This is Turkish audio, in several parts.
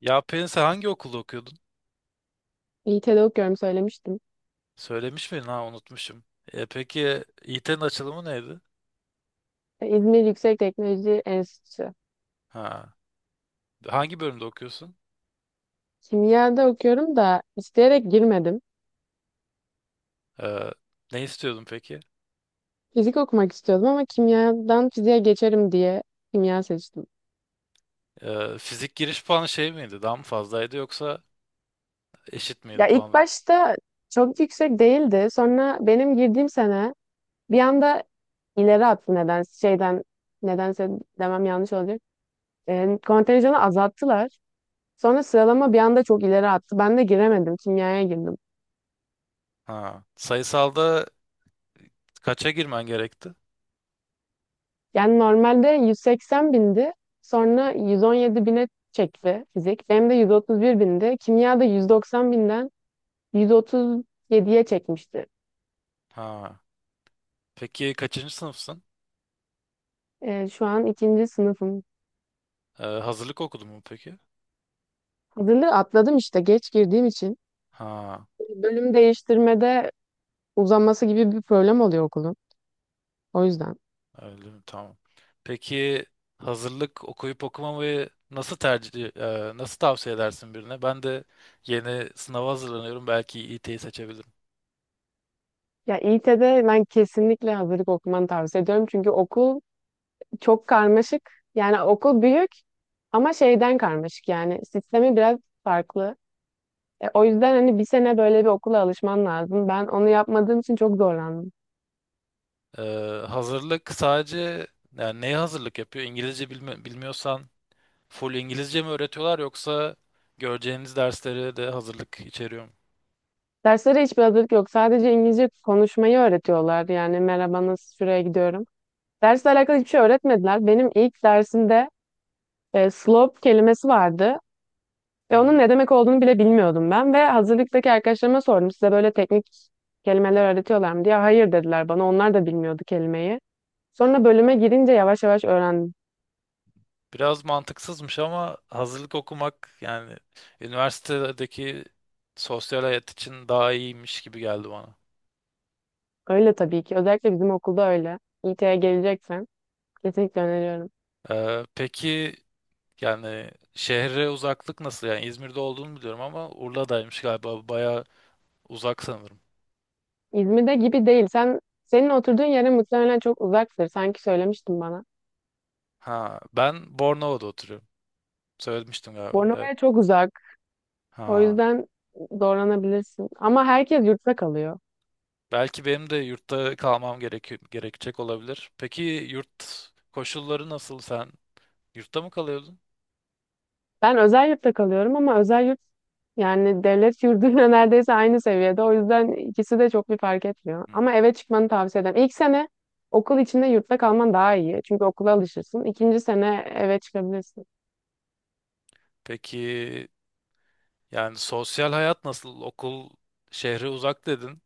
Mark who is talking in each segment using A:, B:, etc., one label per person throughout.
A: Ya Pelin sen hangi okulda okuyordun?
B: İT'de okuyorum, söylemiştim.
A: Söylemiş miydin? Ha unutmuşum. Peki İT'nin açılımı neydi?
B: İzmir Yüksek Teknoloji Enstitüsü.
A: Ha. Hangi bölümde okuyorsun?
B: Kimyada okuyorum da isteyerek girmedim.
A: E, ne istiyordun peki?
B: Fizik okumak istiyordum ama kimyadan fiziğe geçerim diye kimya seçtim.
A: Fizik giriş puanı şey miydi? Daha mı fazlaydı yoksa eşit miydi
B: Ya ilk
A: puanı?
B: başta çok yüksek değildi. Sonra benim girdiğim sene bir anda ileri attı. Nedense demem yanlış olacak. Kontenjanı azalttılar. Sonra sıralama bir anda çok ileri attı. Ben de giremedim. Kimyaya girdim.
A: Ha. Sayısalda kaça girmen gerekti?
B: Yani normalde 180 bindi. Sonra 117 bine çekti fizik. Benim de 131 bindi. Kimya da 190 binden 137'ye çekmişti.
A: Ha. Peki kaçıncı sınıfsın?
B: Şu an ikinci sınıfım.
A: Hazırlık okudun mu peki?
B: Hazırlığı atladım işte geç girdiğim için.
A: Ha.
B: Bölüm değiştirmede uzaması gibi bir problem oluyor okulun. O yüzden.
A: Öyle mi? Tamam. Peki hazırlık okuyup okumamayı nasıl tavsiye edersin birine? Ben de yeni sınava hazırlanıyorum. Belki İT'yi seçebilirim.
B: Ya İT'de ben kesinlikle hazırlık okumanı tavsiye ediyorum. Çünkü okul çok karmaşık. Yani okul büyük ama şeyden karmaşık yani. Sistemi biraz farklı. O yüzden hani bir sene böyle bir okula alışman lazım. Ben onu yapmadığım için çok zorlandım.
A: E, hazırlık sadece yani neye hazırlık yapıyor? İngilizce bilmiyorsan full İngilizce mi öğretiyorlar yoksa göreceğiniz dersleri de hazırlık içeriyor mu?
B: Derslere hiçbir hazırlık yok. Sadece İngilizce konuşmayı öğretiyorlar. Yani merhaba, nasıl, şuraya gidiyorum. Dersle alakalı hiçbir şey öğretmediler. Benim ilk dersimde slope kelimesi vardı.
A: Hı
B: Ve
A: hı.
B: onun ne demek olduğunu bile bilmiyordum ben. Ve hazırlıktaki arkadaşlarıma sordum. Size böyle teknik kelimeler öğretiyorlar mı diye. Hayır dediler bana. Onlar da bilmiyordu kelimeyi. Sonra bölüme girince yavaş yavaş öğrendim.
A: Biraz mantıksızmış ama hazırlık okumak yani üniversitedeki sosyal hayat için daha iyiymiş gibi geldi bana.
B: Öyle tabii ki. Özellikle bizim okulda öyle. İT'ye geleceksen kesinlikle öneriyorum.
A: Peki yani şehre uzaklık nasıl? Yani İzmir'de olduğunu biliyorum ama Urla'daymış galiba. Bayağı uzak sanırım.
B: İzmir'de gibi değil. Senin oturduğun yere muhtemelen çok uzaktır. Sanki söylemiştin bana.
A: Ha, ben Bornova'da oturuyorum. Söylemiştim galiba. Evet.
B: Bornova'ya çok uzak. O
A: Ha.
B: yüzden zorlanabilirsin. Ama herkes yurtta kalıyor.
A: Belki benim de yurtta kalmam gerekiyor, gerekecek olabilir. Peki yurt koşulları nasıl? Sen yurtta mı kalıyordun?
B: Ben özel yurtta kalıyorum ama özel yurt yani devlet yurduyla neredeyse aynı seviyede. O yüzden ikisi de çok bir fark etmiyor.
A: Hı.
B: Ama eve çıkmanı tavsiye ederim. İlk sene okul içinde yurtta kalman daha iyi. Çünkü okula alışırsın. İkinci sene eve çıkabilirsin.
A: Peki yani sosyal hayat nasıl? Okul şehre uzak dedin.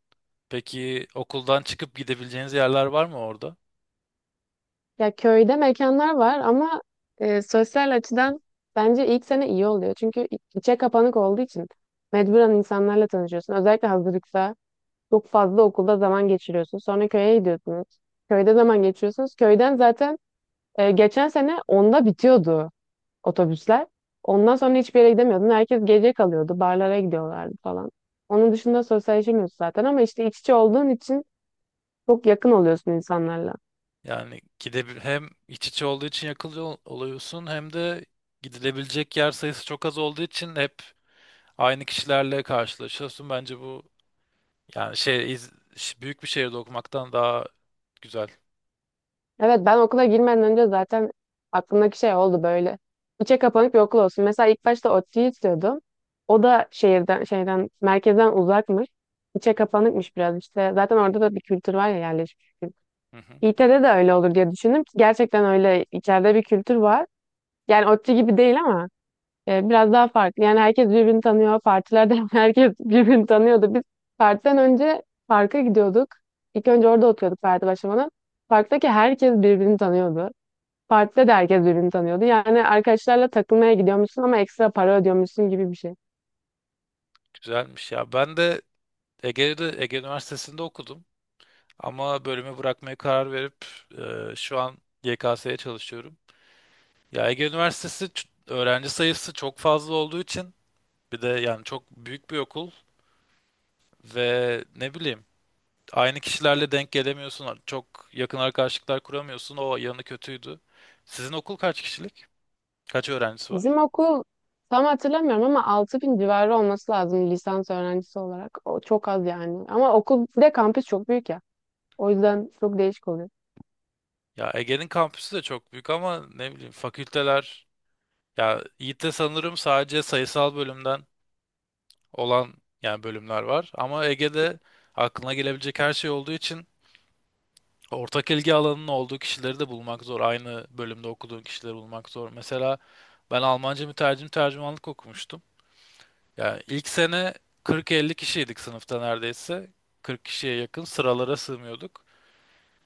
A: Peki okuldan çıkıp gidebileceğiniz yerler var mı orada?
B: Ya köyde mekanlar var ama sosyal açıdan bence ilk sene iyi oluyor. Çünkü içe kapanık olduğu için mecburen insanlarla tanışıyorsun. Özellikle hazırlıkta çok fazla okulda zaman geçiriyorsun. Sonra köye gidiyorsunuz. Köyde zaman geçiriyorsunuz. Köyden zaten geçen sene onda bitiyordu otobüsler. Ondan sonra hiçbir yere gidemiyordun. Herkes gece kalıyordu. Barlara gidiyorlardı falan. Onun dışında sosyalleşemiyorsun zaten ama işte iç içe olduğun için çok yakın oluyorsun insanlarla.
A: Yani hem iç içe olduğu için yakılıyor oluyorsun hem de gidilebilecek yer sayısı çok az olduğu için hep aynı kişilerle karşılaşıyorsun. Bence bu yani büyük bir şehirde okumaktan daha güzel.
B: Evet, ben okula girmeden önce zaten aklımdaki şey oldu böyle. İçe kapanık bir okul olsun. Mesela ilk başta ODTÜ'yü istiyordum. O da şehirden, şeyden, merkezden uzakmış. İçe kapanıkmış biraz işte. Zaten orada da bir kültür var ya, yerleşmiş bir kültür.
A: Hı hı,
B: İT'de de öyle olur diye düşündüm ki gerçekten öyle içeride bir kültür var. Yani ODTÜ gibi değil ama biraz daha farklı. Yani herkes birbirini tanıyor. Partilerde herkes birbirini tanıyordu. Biz partiden önce parka gidiyorduk. İlk önce orada oturuyorduk parti başlamadan. Parktaki herkes birbirini tanıyordu. Partide de herkes birbirini tanıyordu. Yani arkadaşlarla takılmaya gidiyormuşsun ama ekstra para ödüyormuşsun gibi bir şey.
A: güzelmiş ya. Ben de Ege'de Ege Üniversitesi'nde okudum ama bölümü bırakmaya karar verip şu an YKS'ye çalışıyorum. Ya Ege Üniversitesi öğrenci sayısı çok fazla olduğu için bir de yani çok büyük bir okul ve ne bileyim aynı kişilerle denk gelemiyorsun. Çok yakın arkadaşlıklar kuramıyorsun. O yanı kötüydü. Sizin okul kaç kişilik? Kaç öğrencisi var?
B: Bizim okul tam hatırlamıyorum ama 6 bin civarı olması lazım lisans öğrencisi olarak. O çok az yani. Ama okul bir de kampüs çok büyük ya. O yüzden çok değişik oluyor.
A: Ya Ege'nin kampüsü de çok büyük ama ne bileyim fakülteler ya Yiğit'te sanırım sadece sayısal bölümden olan yani bölümler var. Ama Ege'de aklına gelebilecek her şey olduğu için ortak ilgi alanının olduğu kişileri de bulmak zor. Aynı bölümde okuduğun kişileri bulmak zor. Mesela ben Almanca mütercim tercümanlık okumuştum. Ya ilk sene 40-50 kişiydik sınıfta neredeyse. 40 kişiye yakın sıralara sığmıyorduk.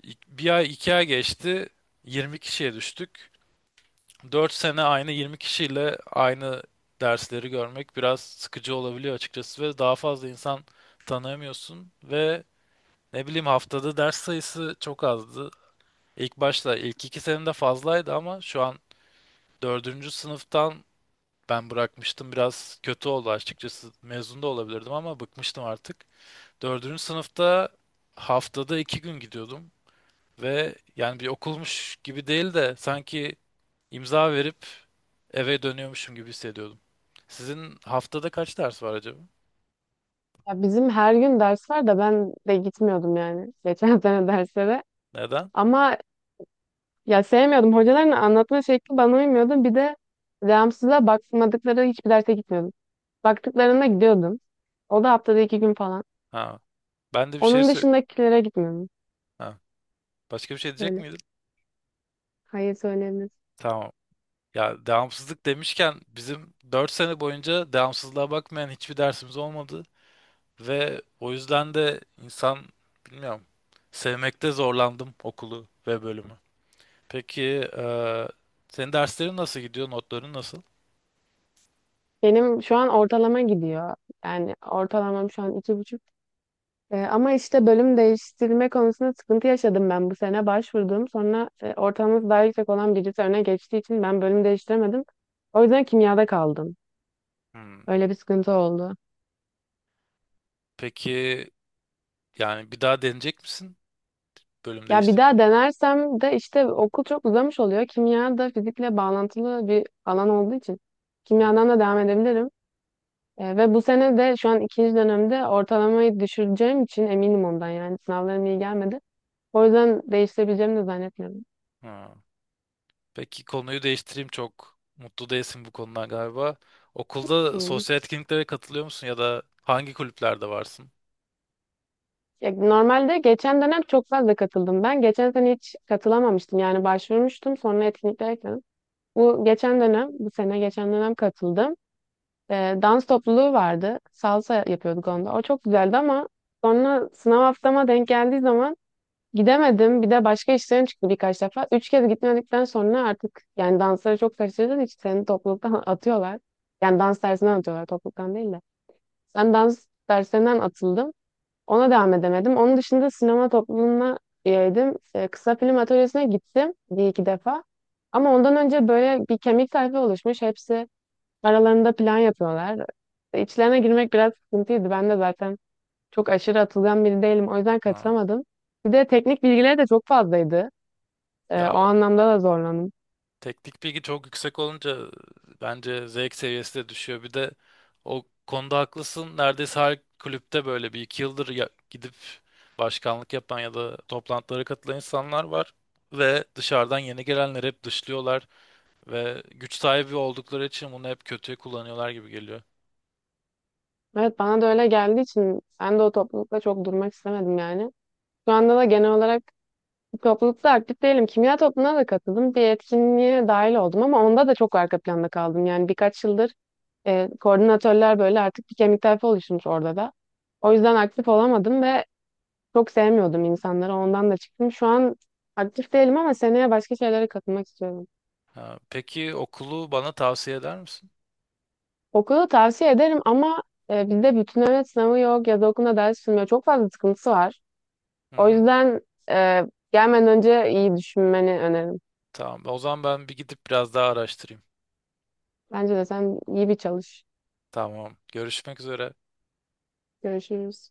A: Bir ay iki ay geçti. 20 kişiye düştük. 4 sene aynı 20 kişiyle aynı dersleri görmek biraz sıkıcı olabiliyor açıkçası ve daha fazla insan tanıyamıyorsun ve ne bileyim haftada ders sayısı çok azdı. İlk başta ilk 2 senede fazlaydı ama şu an dördüncü sınıftan ben bırakmıştım biraz kötü oldu açıkçası mezun da olabilirdim ama bıkmıştım artık. Dördüncü sınıfta haftada 2 gün gidiyordum ve yani bir okulmuş gibi değil de sanki imza verip eve dönüyormuşum gibi hissediyordum. Sizin haftada kaç ders var acaba?
B: Ya bizim her gün ders var da ben de gitmiyordum yani geçen sene derslere.
A: Neden?
B: Ama ya sevmiyordum. Hocaların anlatma şekli bana uymuyordu. Bir de devamsızlığa bakmadıkları hiçbir derse gitmiyordum. Baktıklarında gidiyordum. O da haftada iki gün falan.
A: Ha, ben de bir şey
B: Onun dışındakilere gitmiyordum.
A: ha, başka bir şey diyecek
B: Böyle.
A: miydin?
B: Hayır, söylenir.
A: Tamam. Ya devamsızlık demişken bizim 4 sene boyunca devamsızlığa bakmayan hiçbir dersimiz olmadı ve o yüzden de insan bilmiyorum sevmekte zorlandım okulu ve bölümü. Peki eee, senin derslerin nasıl gidiyor? Notların nasıl?
B: Benim şu an ortalama gidiyor. Yani ortalamam şu an 2,5. Ama işte bölüm değiştirme konusunda sıkıntı yaşadım, ben bu sene başvurdum. Sonra ortalaması daha yüksek olan birisi öne geçtiği için ben bölüm değiştiremedim. O yüzden kimyada kaldım.
A: Hmm.
B: Öyle bir sıkıntı oldu.
A: Peki yani bir daha deneyecek misin bölüm
B: Ya bir
A: değiştirmeyi?
B: daha denersem de işte okul çok uzamış oluyor. Kimya da fizikle bağlantılı bir alan olduğu için
A: Hı hı.
B: kimyadan da devam edebilirim. Ve bu sene de şu an ikinci dönemde ortalamayı düşüreceğim için eminim ondan, yani sınavlarım iyi gelmedi. O yüzden değiştirebileceğimi de zannetmiyorum.
A: Ha. Peki konuyu değiştireyim çok mutlu değilsin bu konudan galiba. Okulda sosyal etkinliklere katılıyor musun ya da hangi kulüplerde varsın?
B: Ya, normalde geçen dönem çok fazla katıldım. Ben geçen sene hiç katılamamıştım. Yani başvurmuştum, sonra etkinliklere katıldım. Bu geçen dönem, bu sene geçen dönem katıldım. Dans topluluğu vardı. Salsa yapıyorduk
A: Hı hı.
B: onda. O çok güzeldi ama sonra sınav haftama denk geldiği zaman gidemedim. Bir de başka işlerim çıktı birkaç defa. Üç kez gitmedikten sonra artık yani dansları çok kaçırdığın için seni topluluktan atıyorlar. Yani dans dersinden atıyorlar, topluluktan değil de. Ben dans dersinden atıldım. Ona devam edemedim. Onun dışında sinema topluluğuna üyeydim. Kısa film atölyesine gittim bir iki defa. Ama ondan önce böyle bir kemik tayfa oluşmuş. Hepsi aralarında plan yapıyorlar. İçlerine girmek biraz sıkıntıydı. Ben de zaten çok aşırı atılgan biri değilim. O yüzden
A: Ha.
B: katılamadım. Bir de teknik bilgileri de çok fazlaydı.
A: Ya
B: O anlamda da zorlandım.
A: teknik bilgi çok yüksek olunca bence zevk seviyesi de düşüyor. Bir de o konuda haklısın. Neredeyse her kulüpte böyle bir iki yıldır gidip başkanlık yapan ya da toplantılara katılan insanlar var. Ve dışarıdan yeni gelenleri hep dışlıyorlar. Ve güç sahibi oldukları için bunu hep kötüye kullanıyorlar gibi geliyor.
B: Evet bana da öyle geldiği için ben de o toplulukla çok durmak istemedim yani. Şu anda da genel olarak toplulukta aktif değilim. Kimya topluluğuna da katıldım. Bir etkinliğe dahil oldum ama onda da çok arka planda kaldım. Yani birkaç yıldır koordinatörler böyle artık bir kemik tayfa oluşmuş orada da. O yüzden aktif olamadım ve çok sevmiyordum insanları. Ondan da çıktım. Şu an aktif değilim ama seneye başka şeylere katılmak istiyorum.
A: Ha, peki okulu bana tavsiye eder misin?
B: Okulu tavsiye ederim ama bizde bütünleme sınavı yok. Yaz okulunda ders sürmüyor. Çok fazla sıkıntısı var.
A: Hı
B: O
A: hı.
B: yüzden e, gelmeden önce iyi düşünmeni öneririm.
A: Tamam. O zaman ben bir gidip biraz daha araştırayım.
B: Bence de sen iyi bir çalış.
A: Tamam. Görüşmek üzere.
B: Görüşürüz.